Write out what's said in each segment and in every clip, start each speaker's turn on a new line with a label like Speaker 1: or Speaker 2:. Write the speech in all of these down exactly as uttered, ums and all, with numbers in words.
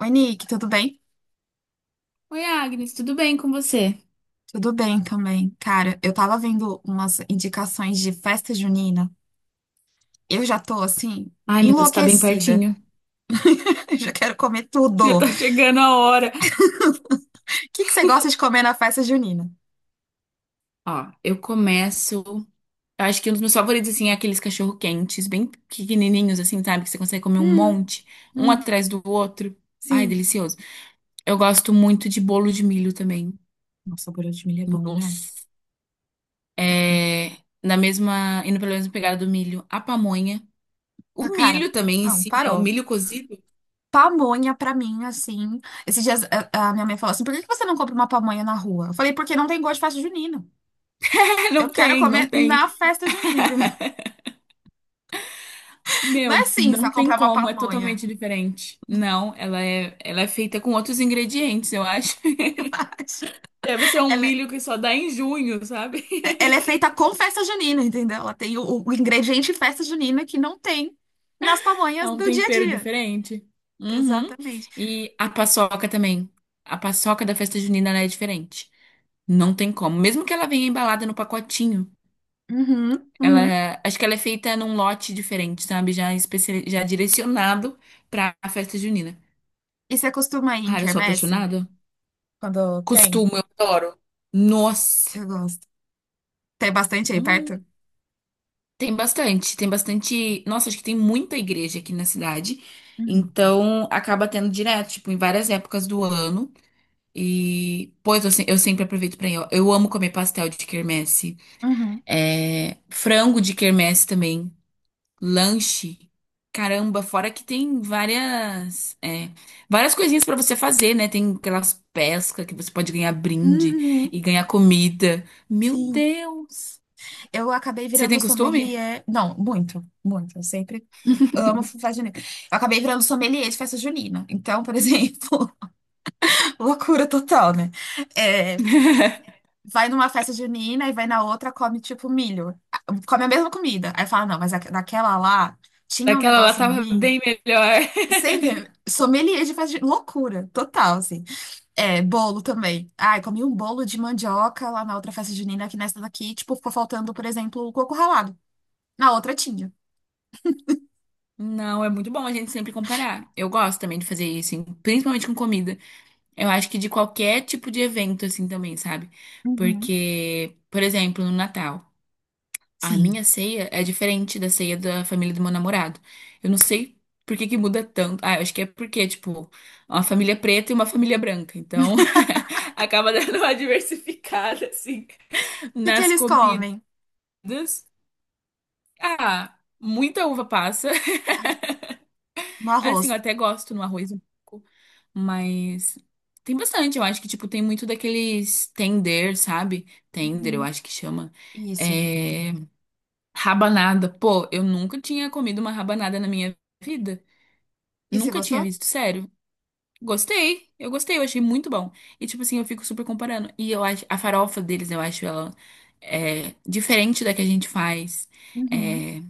Speaker 1: Oi, Nick, tudo bem?
Speaker 2: Oi, Agnes, tudo bem com você?
Speaker 1: Tudo bem também. Cara, eu tava vendo umas indicações de festa junina. Eu já tô assim,
Speaker 2: Ai, meu Deus, tá bem
Speaker 1: enlouquecida.
Speaker 2: pertinho.
Speaker 1: Eu já quero comer
Speaker 2: Já
Speaker 1: tudo. O
Speaker 2: tá chegando a hora.
Speaker 1: que que você gosta de comer na festa junina?
Speaker 2: Ó, eu começo. Eu acho que um dos meus favoritos, assim, é aqueles cachorro-quentes, bem pequenininhos, assim, sabe? Que você consegue comer um
Speaker 1: Hum,
Speaker 2: monte, um
Speaker 1: hum,
Speaker 2: atrás do outro. Ai,
Speaker 1: sim.
Speaker 2: delicioso. Eu gosto muito de bolo de milho também.
Speaker 1: Nossa, o bolo de milho é bom, né?
Speaker 2: Nossa.
Speaker 1: Cara,
Speaker 2: É, na mesma, indo pela mesma pegada do milho, a pamonha.
Speaker 1: Ah,
Speaker 2: O
Speaker 1: cara,
Speaker 2: milho também em
Speaker 1: não,
Speaker 2: si, né? O
Speaker 1: parou.
Speaker 2: milho cozido.
Speaker 1: Pamonha pra mim, assim. Esses dias a, a minha mãe falou assim: por que que você não compra uma pamonha na rua? Eu falei, porque não tem gosto de festa junina. Eu
Speaker 2: Não
Speaker 1: quero
Speaker 2: tem, não
Speaker 1: comer
Speaker 2: tem.
Speaker 1: na festa junina, entendeu? Não é
Speaker 2: Meu,
Speaker 1: assim, só
Speaker 2: não tem
Speaker 1: comprar uma
Speaker 2: como, é
Speaker 1: pamonha.
Speaker 2: totalmente diferente. Não, ela é, ela é feita com outros ingredientes, eu acho. Deve ser um
Speaker 1: Ela,
Speaker 2: milho que só dá em junho, sabe?
Speaker 1: é- ela é feita com festa junina, entendeu? Ela tem o, o ingrediente festa junina que não tem nas
Speaker 2: É
Speaker 1: pamonhas
Speaker 2: um
Speaker 1: do dia a
Speaker 2: tempero
Speaker 1: dia.
Speaker 2: diferente. Uhum.
Speaker 1: Exatamente.
Speaker 2: E a paçoca também. A paçoca da festa junina, ela é diferente. Não tem como. Mesmo que ela venha embalada no pacotinho,
Speaker 1: Uhum, uhum.
Speaker 2: ela, acho que ela é feita num lote diferente, sabe? Já especi... já direcionado pra festa junina.
Speaker 1: E você costuma ir em
Speaker 2: Cara, eu sou
Speaker 1: quermesse?
Speaker 2: apaixonada.
Speaker 1: Quando tem?
Speaker 2: Costumo, eu adoro. Nossa.
Speaker 1: Eu gosto. Tem bastante aí
Speaker 2: Hum.
Speaker 1: perto?
Speaker 2: Tem bastante, tem bastante. Nossa, acho que tem muita igreja aqui na cidade.
Speaker 1: Uhum,
Speaker 2: Então, acaba tendo direto, tipo, em várias épocas do ano. E, pois, eu, se- eu sempre aproveito pra ir. Ó. Eu amo comer pastel de quermesse.
Speaker 1: uhum,
Speaker 2: É, frango de quermesse também. Lanche. Caramba, fora que tem várias, é, várias coisinhas pra você fazer, né? Tem aquelas pescas que você pode ganhar brinde
Speaker 1: uhum.
Speaker 2: e ganhar comida. Meu
Speaker 1: Sim.
Speaker 2: Deus!
Speaker 1: Eu acabei
Speaker 2: Você tem
Speaker 1: virando
Speaker 2: costume?
Speaker 1: sommelier. Não, muito, muito. Eu sempre eu amo festa junina. Eu acabei virando sommelier de festa junina. Então, por exemplo, loucura total, né? É, vai numa festa junina e vai na outra, come tipo milho. Ah, come a mesma comida. Aí fala, não, mas aque- naquela lá tinha um
Speaker 2: Daquela lá
Speaker 1: negócio no
Speaker 2: tava
Speaker 1: milho.
Speaker 2: bem melhor.
Speaker 1: Sem sommelier de festa junina. Loucura, total, assim. É, bolo também. Ai, comi um bolo de mandioca lá na outra festa junina, que nessa daqui, tipo, ficou faltando, por exemplo, o coco ralado. Na outra tinha.
Speaker 2: Não, é muito bom a gente sempre comparar. Eu gosto também de fazer isso, em- principalmente com comida. Eu acho que de qualquer tipo de evento, assim, também, sabe?
Speaker 1: Uhum.
Speaker 2: Porque, por exemplo, no Natal, a
Speaker 1: Sim.
Speaker 2: minha ceia é diferente da ceia da família do meu namorado. Eu não sei por que que muda tanto. Ah, eu acho que é porque, tipo, uma família preta e uma família branca. Então, acaba dando uma diversificada, assim,
Speaker 1: O que que
Speaker 2: nas
Speaker 1: eles
Speaker 2: comidas.
Speaker 1: comem?
Speaker 2: Ah, muita uva passa.
Speaker 1: No
Speaker 2: Assim, eu
Speaker 1: arroz.
Speaker 2: até gosto no arroz um pouco, mas tem bastante. Eu acho que, tipo, tem muito daqueles tender, sabe? Tender, eu
Speaker 1: Uhum.
Speaker 2: acho que chama.
Speaker 1: Isso.
Speaker 2: É, rabanada. Pô, eu nunca tinha comido uma rabanada na minha vida.
Speaker 1: E você
Speaker 2: Nunca tinha
Speaker 1: gostou?
Speaker 2: visto, sério. Gostei, eu gostei, eu achei muito bom. E, tipo assim, eu fico super comparando. E eu acho, a farofa deles, eu acho ela é, diferente da que a gente faz.
Speaker 1: Uhum.
Speaker 2: É,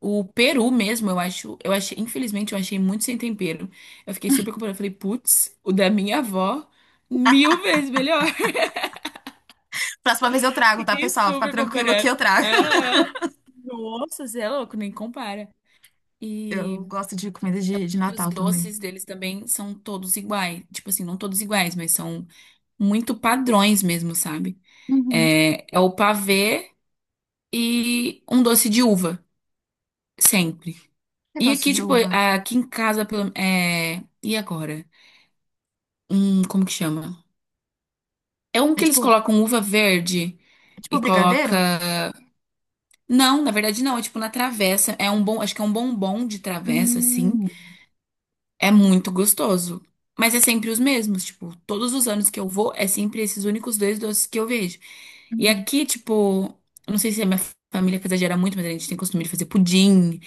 Speaker 2: o peru mesmo, eu acho, eu achei, infelizmente, eu achei muito sem tempero. Eu fiquei super comparando, eu falei, putz, o da minha avó, mil vezes melhor.
Speaker 1: Próxima vez eu trago, tá,
Speaker 2: Fiquei
Speaker 1: pessoal? Fica
Speaker 2: super
Speaker 1: tranquilo que
Speaker 2: comparando.
Speaker 1: eu trago.
Speaker 2: Ah, ah. Nossa, você é louco, nem compara. E
Speaker 1: Eu gosto de comida de, de
Speaker 2: acho que os
Speaker 1: Natal também.
Speaker 2: doces deles também são todos iguais. Tipo assim, não todos iguais, mas são muito padrões mesmo, sabe?
Speaker 1: Uhum.
Speaker 2: É, é o pavê e um doce de uva, sempre.
Speaker 1: Eu
Speaker 2: E
Speaker 1: gosto
Speaker 2: aqui,
Speaker 1: de
Speaker 2: tipo,
Speaker 1: uva.
Speaker 2: aqui em casa, pelo- é, e agora? Hum, como que chama? É um
Speaker 1: É
Speaker 2: que eles
Speaker 1: tipo,
Speaker 2: colocam uva verde
Speaker 1: é
Speaker 2: e
Speaker 1: tipo brigadeiro?
Speaker 2: coloca. Não, na verdade não, é tipo na travessa. É um bom, acho que é um bombom de travessa, assim.
Speaker 1: Hum,
Speaker 2: É muito gostoso. Mas é sempre os mesmos, tipo, todos os anos que eu vou, é sempre esses únicos dois doces que eu vejo. E
Speaker 1: Uhum.
Speaker 2: aqui, tipo, eu não sei se a minha família que exagera muito, mas a gente tem costume de fazer pudim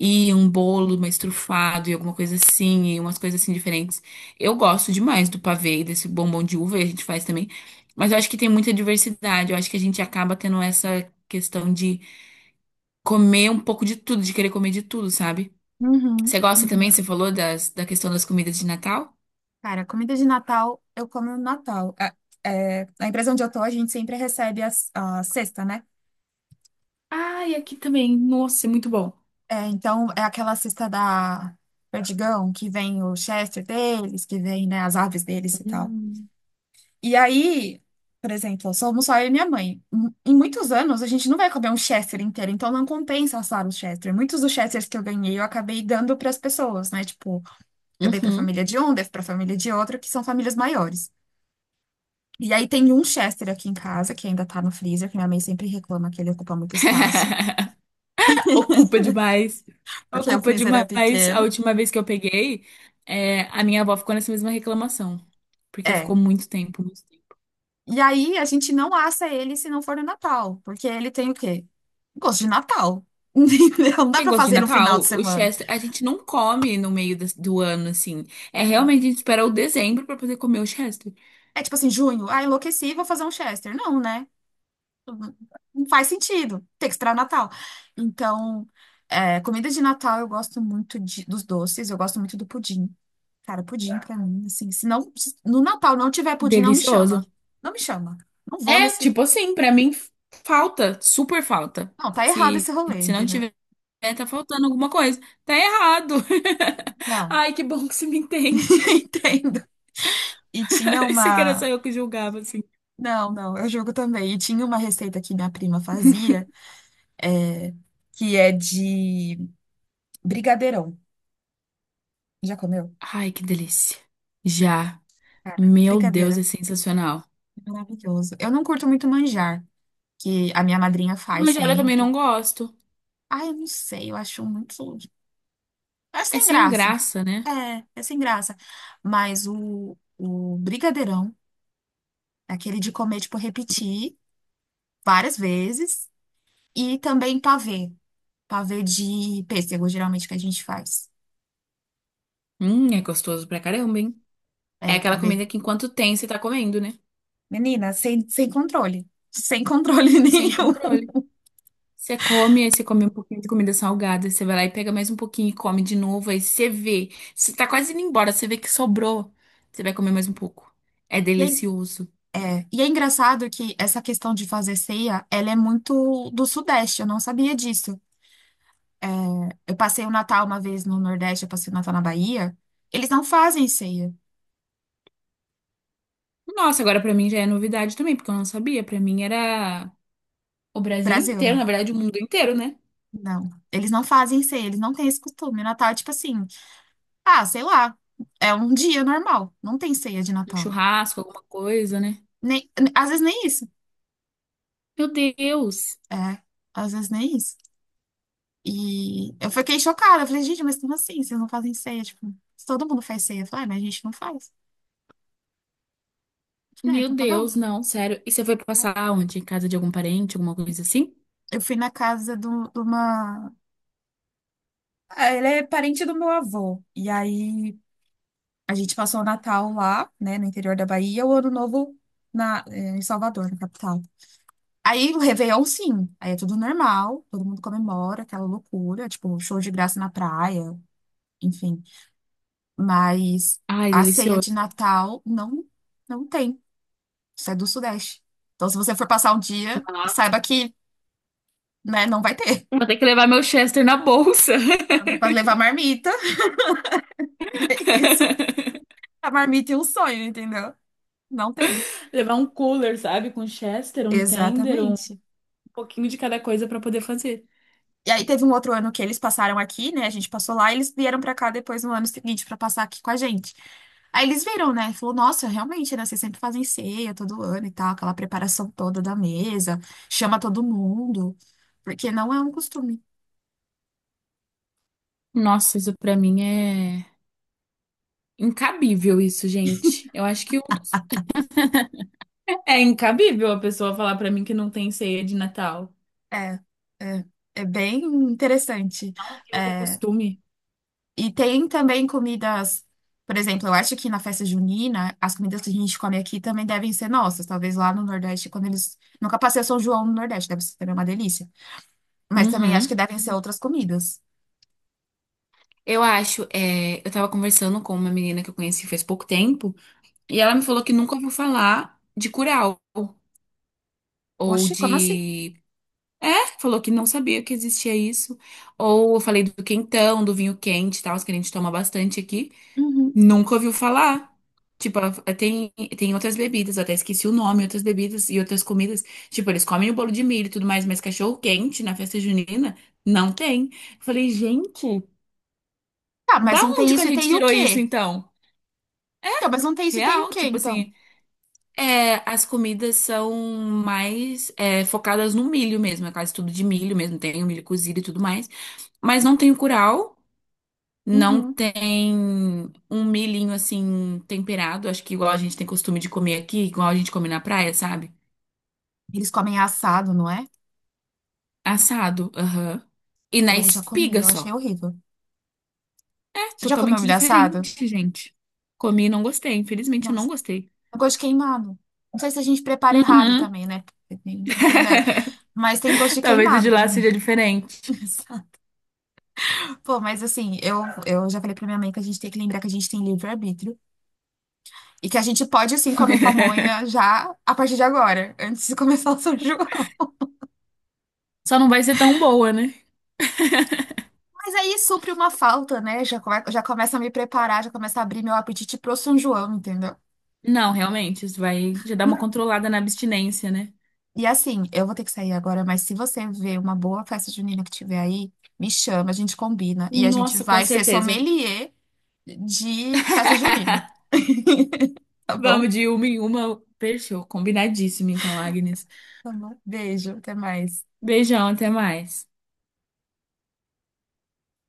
Speaker 2: e um bolo mais trufado e alguma coisa assim, e umas coisas assim diferentes. Eu gosto demais do pavê e desse bombom de uva, e a gente faz também. Mas eu acho que tem muita diversidade, eu acho que a gente acaba tendo essa questão de comer um pouco de tudo, de querer comer de tudo, sabe?
Speaker 1: Uhum.
Speaker 2: Você gosta
Speaker 1: Uhum.
Speaker 2: também, você falou das, da questão das comidas de Natal?
Speaker 1: Cara, comida de Natal, eu como no Natal. É, é, na empresa onde eu tô, a gente sempre recebe as- a cesta, né?
Speaker 2: Ai, aqui também. Nossa, é muito bom.
Speaker 1: É, então, é aquela cesta da Perdigão, que vem o Chester deles, que vem, né, as aves deles e tal.
Speaker 2: Hum.
Speaker 1: E aí, por exemplo, somos só eu e minha mãe. Em em muitos anos, a gente não vai comer um Chester inteiro, então não compensa assar o Chester. Muitos dos Chesters que eu ganhei, eu acabei dando para as pessoas, né? Tipo, eu dei para a
Speaker 2: Uhum.
Speaker 1: família de um, dei para a família de outro, que são famílias maiores. E aí tem um Chester aqui em casa, que ainda tá no freezer, que minha mãe sempre reclama que ele ocupa muito espaço,
Speaker 2: Ocupa demais.
Speaker 1: porque o
Speaker 2: Ocupa
Speaker 1: freezer é
Speaker 2: demais. A
Speaker 1: pequeno.
Speaker 2: última vez que eu peguei, é, a minha avó ficou nessa mesma reclamação. Porque
Speaker 1: É.
Speaker 2: ficou muito tempo, muito tempo.
Speaker 1: E aí a gente não assa ele se não for no Natal, porque ele tem o quê? Gosto de Natal. Entendeu? Não dá
Speaker 2: Tem
Speaker 1: para
Speaker 2: gosto de
Speaker 1: fazer no final de
Speaker 2: Natal, o
Speaker 1: semana.
Speaker 2: Chester, a gente não come no meio das- do ano, assim. É realmente, a gente espera o dezembro pra poder comer o Chester.
Speaker 1: É tipo assim, junho, ah, enlouqueci, vou fazer um Chester. Não, né? Não faz sentido. Tem que esperar o Natal. Então, é, comida de Natal eu gosto muito de- dos doces, eu gosto muito do pudim. Cara, pudim pra mim, assim, se não, se no Natal não tiver pudim, não me
Speaker 2: Delicioso.
Speaker 1: chama. Não me chama. Não vou
Speaker 2: É,
Speaker 1: nesse.
Speaker 2: tipo assim, pra mim falta, super falta.
Speaker 1: Não, tá errado
Speaker 2: Se,
Speaker 1: esse rolê,
Speaker 2: se não
Speaker 1: entendeu?
Speaker 2: tiver, tá faltando alguma coisa. Tá errado.
Speaker 1: Não.
Speaker 2: Ai, que bom que você me entende.
Speaker 1: Entendo. E tinha
Speaker 2: Você que era só
Speaker 1: uma.
Speaker 2: eu que julgava, assim.
Speaker 1: Não, não, eu jogo também. E tinha uma receita que minha prima fazia, é, que é de brigadeirão. Já comeu?
Speaker 2: Ai, que delícia. Já.
Speaker 1: Cara,
Speaker 2: Meu Deus,
Speaker 1: brigadeiro
Speaker 2: é sensacional.
Speaker 1: é maravilhoso. Eu não curto muito manjar, que a minha madrinha faz
Speaker 2: Tigela também
Speaker 1: sempre.
Speaker 2: não gosto.
Speaker 1: Ai, eu não sei, eu acho muito. É
Speaker 2: É
Speaker 1: sem
Speaker 2: sem
Speaker 1: graça.
Speaker 2: graça, né?
Speaker 1: É, é sem graça. Mas o, o brigadeirão, aquele de comer, tipo, repetir várias vezes. E também pavê. Pavê de pêssego, geralmente, que a gente faz.
Speaker 2: Hum, é gostoso pra caramba, hein? É
Speaker 1: É,
Speaker 2: aquela
Speaker 1: pavê.
Speaker 2: comida que enquanto tem, você tá comendo, né?
Speaker 1: Menina, sem, sem controle. Sem controle
Speaker 2: Sem
Speaker 1: nenhum.
Speaker 2: controle. Você come, aí você come um pouquinho de comida salgada, você vai lá e pega mais um pouquinho e come de novo, aí você vê, você tá quase indo embora, você vê que sobrou, você vai comer mais um pouco. É
Speaker 1: E aí,
Speaker 2: delicioso.
Speaker 1: É, e é engraçado que essa questão de fazer ceia, ela é muito do Sudeste, eu não sabia disso. É, eu passei o Natal uma vez no Nordeste, eu passei o Natal na Bahia, eles não fazem ceia,
Speaker 2: Nossa, agora pra mim já é novidade também, porque eu não sabia. Pra mim era o Brasil inteiro,
Speaker 1: Brasil,
Speaker 2: na verdade o mundo inteiro, né?
Speaker 1: Não, eles não fazem ceia, eles não têm esse costume. O Natal é tipo assim, ah, sei lá, é um dia normal, não tem ceia de
Speaker 2: Um
Speaker 1: Natal.
Speaker 2: churrasco, alguma coisa, né?
Speaker 1: Nem, às vezes nem isso,
Speaker 2: Meu Deus.
Speaker 1: é, às vezes nem isso. E eu fiquei chocada, eu falei, gente, mas como assim, vocês não fazem ceia? Tipo, se todo mundo faz ceia. Eu falei, ah, mas a gente não faz. Eu falei, ah,
Speaker 2: Meu
Speaker 1: então tá bom.
Speaker 2: Deus, não, sério. E você foi
Speaker 1: Tá."
Speaker 2: passar onde? Em casa de algum parente, alguma coisa assim?
Speaker 1: Eu fui na casa do- de uma. Ah, ele é parente do meu avô. E aí a gente passou o Natal lá, né, no interior da Bahia, o Ano Novo na, eh, em Salvador, na capital. Aí o Réveillon, sim. Aí é tudo normal, todo mundo comemora, aquela loucura, tipo, show de graça na praia, enfim. Mas
Speaker 2: Ai,
Speaker 1: a ceia de
Speaker 2: delicioso.
Speaker 1: Natal não, não tem. Isso é do Sudeste. Então, se você for passar um dia,
Speaker 2: Nossa.
Speaker 1: saiba que, né, não vai ter.
Speaker 2: Vou ter que levar meu Chester na bolsa.
Speaker 1: Vai ter que levar marmita. E é isso. A marmita e um sonho, entendeu? Não tem.
Speaker 2: Levar um cooler, sabe? Com chester, um tender, um
Speaker 1: Exatamente.
Speaker 2: pouquinho de cada coisa pra poder fazer.
Speaker 1: E aí teve um outro ano que eles passaram aqui, né? A gente passou lá e eles vieram pra cá depois no ano seguinte pra passar aqui com a gente. Aí eles viram, né? Falou, nossa, realmente, né? Vocês sempre fazem ceia todo ano e tal, aquela preparação toda da mesa, chama todo mundo, porque não é um costume.
Speaker 2: Nossa, isso pra mim é incabível isso, gente. Eu acho que um dos... É incabível a pessoa falar pra mim que não tem ceia de Natal.
Speaker 1: É, é, é bem interessante.
Speaker 2: Não que o
Speaker 1: É,
Speaker 2: costume.
Speaker 1: E tem também comidas, por exemplo, eu acho que na festa junina, as comidas que a gente come aqui também devem ser nossas. Talvez lá no Nordeste, quando eles. Nunca passei o São João no Nordeste, deve ser também uma delícia. Mas também acho
Speaker 2: Uhum.
Speaker 1: que devem ser outras comidas.
Speaker 2: Eu acho, é, eu tava conversando com uma menina que eu conheci faz pouco tempo, e ela me falou que nunca ouviu falar de curau ou
Speaker 1: Oxi, como assim?
Speaker 2: de... É, falou que não sabia que existia isso. Ou eu falei do quentão, do vinho quente e tal, que a gente toma bastante aqui.
Speaker 1: Uhum.
Speaker 2: Nunca ouviu falar. Tipo, a- tem, tem outras bebidas, eu até esqueci o nome, outras bebidas e outras comidas. Tipo, eles comem o bolo de milho e tudo mais, mas cachorro quente na festa junina não tem. Eu falei, gente,
Speaker 1: Ah,
Speaker 2: da
Speaker 1: mas não tem
Speaker 2: onde que a
Speaker 1: isso e
Speaker 2: gente
Speaker 1: tem o
Speaker 2: tirou isso
Speaker 1: quê?
Speaker 2: então?
Speaker 1: Então, mas não tem isso e tem o
Speaker 2: Real,
Speaker 1: quê,
Speaker 2: tipo
Speaker 1: então?
Speaker 2: assim. É, as comidas são mais é, focadas no milho mesmo, é quase tudo de milho mesmo, tem o milho cozido e tudo mais. Mas não tem o curau, não
Speaker 1: Uhum.
Speaker 2: tem um milhinho assim temperado, acho que igual a gente tem costume de comer aqui, igual a gente come na praia, sabe?
Speaker 1: Eles comem assado, não é?
Speaker 2: Assado, aham. E na
Speaker 1: Eu já comi,
Speaker 2: espiga
Speaker 1: eu achei
Speaker 2: só.
Speaker 1: horrível.
Speaker 2: É,
Speaker 1: Você já comeu
Speaker 2: totalmente
Speaker 1: milho assado?
Speaker 2: diferente, gente. Comi e não gostei, infelizmente eu não
Speaker 1: Nossa,
Speaker 2: gostei.
Speaker 1: tem gosto de queimado. Não sei se a gente prepara errado
Speaker 2: Uhum.
Speaker 1: também, né? Tem, tem dessa. Mas tem gosto de
Speaker 2: Talvez o de
Speaker 1: queimado pra
Speaker 2: lá
Speaker 1: mim.
Speaker 2: seja diferente.
Speaker 1: Exato. Pô, mas assim, eu, eu já falei pra minha mãe que a gente tem que lembrar que a gente tem livre-arbítrio e que a gente pode, assim, comer pamonha já a partir de agora, antes de começar o São João.
Speaker 2: Só não vai ser tão boa, né?
Speaker 1: Mas aí supre uma falta, né? Já, come, já começa a me preparar, já começa a abrir meu apetite pro São João, entendeu?
Speaker 2: Não, realmente, isso vai já dar uma controlada na abstinência, né?
Speaker 1: E assim, eu vou ter que sair agora, mas se você ver uma boa festa junina que tiver aí, me chama, a gente combina e a gente
Speaker 2: Nossa, com
Speaker 1: vai ser
Speaker 2: certeza.
Speaker 1: sommelier de festa junina. Tá
Speaker 2: Vamos
Speaker 1: bom?
Speaker 2: de uma em uma. Fechou, combinadíssimo então, Agnes.
Speaker 1: Tá bom. Beijo, até mais.
Speaker 2: Beijão, até mais.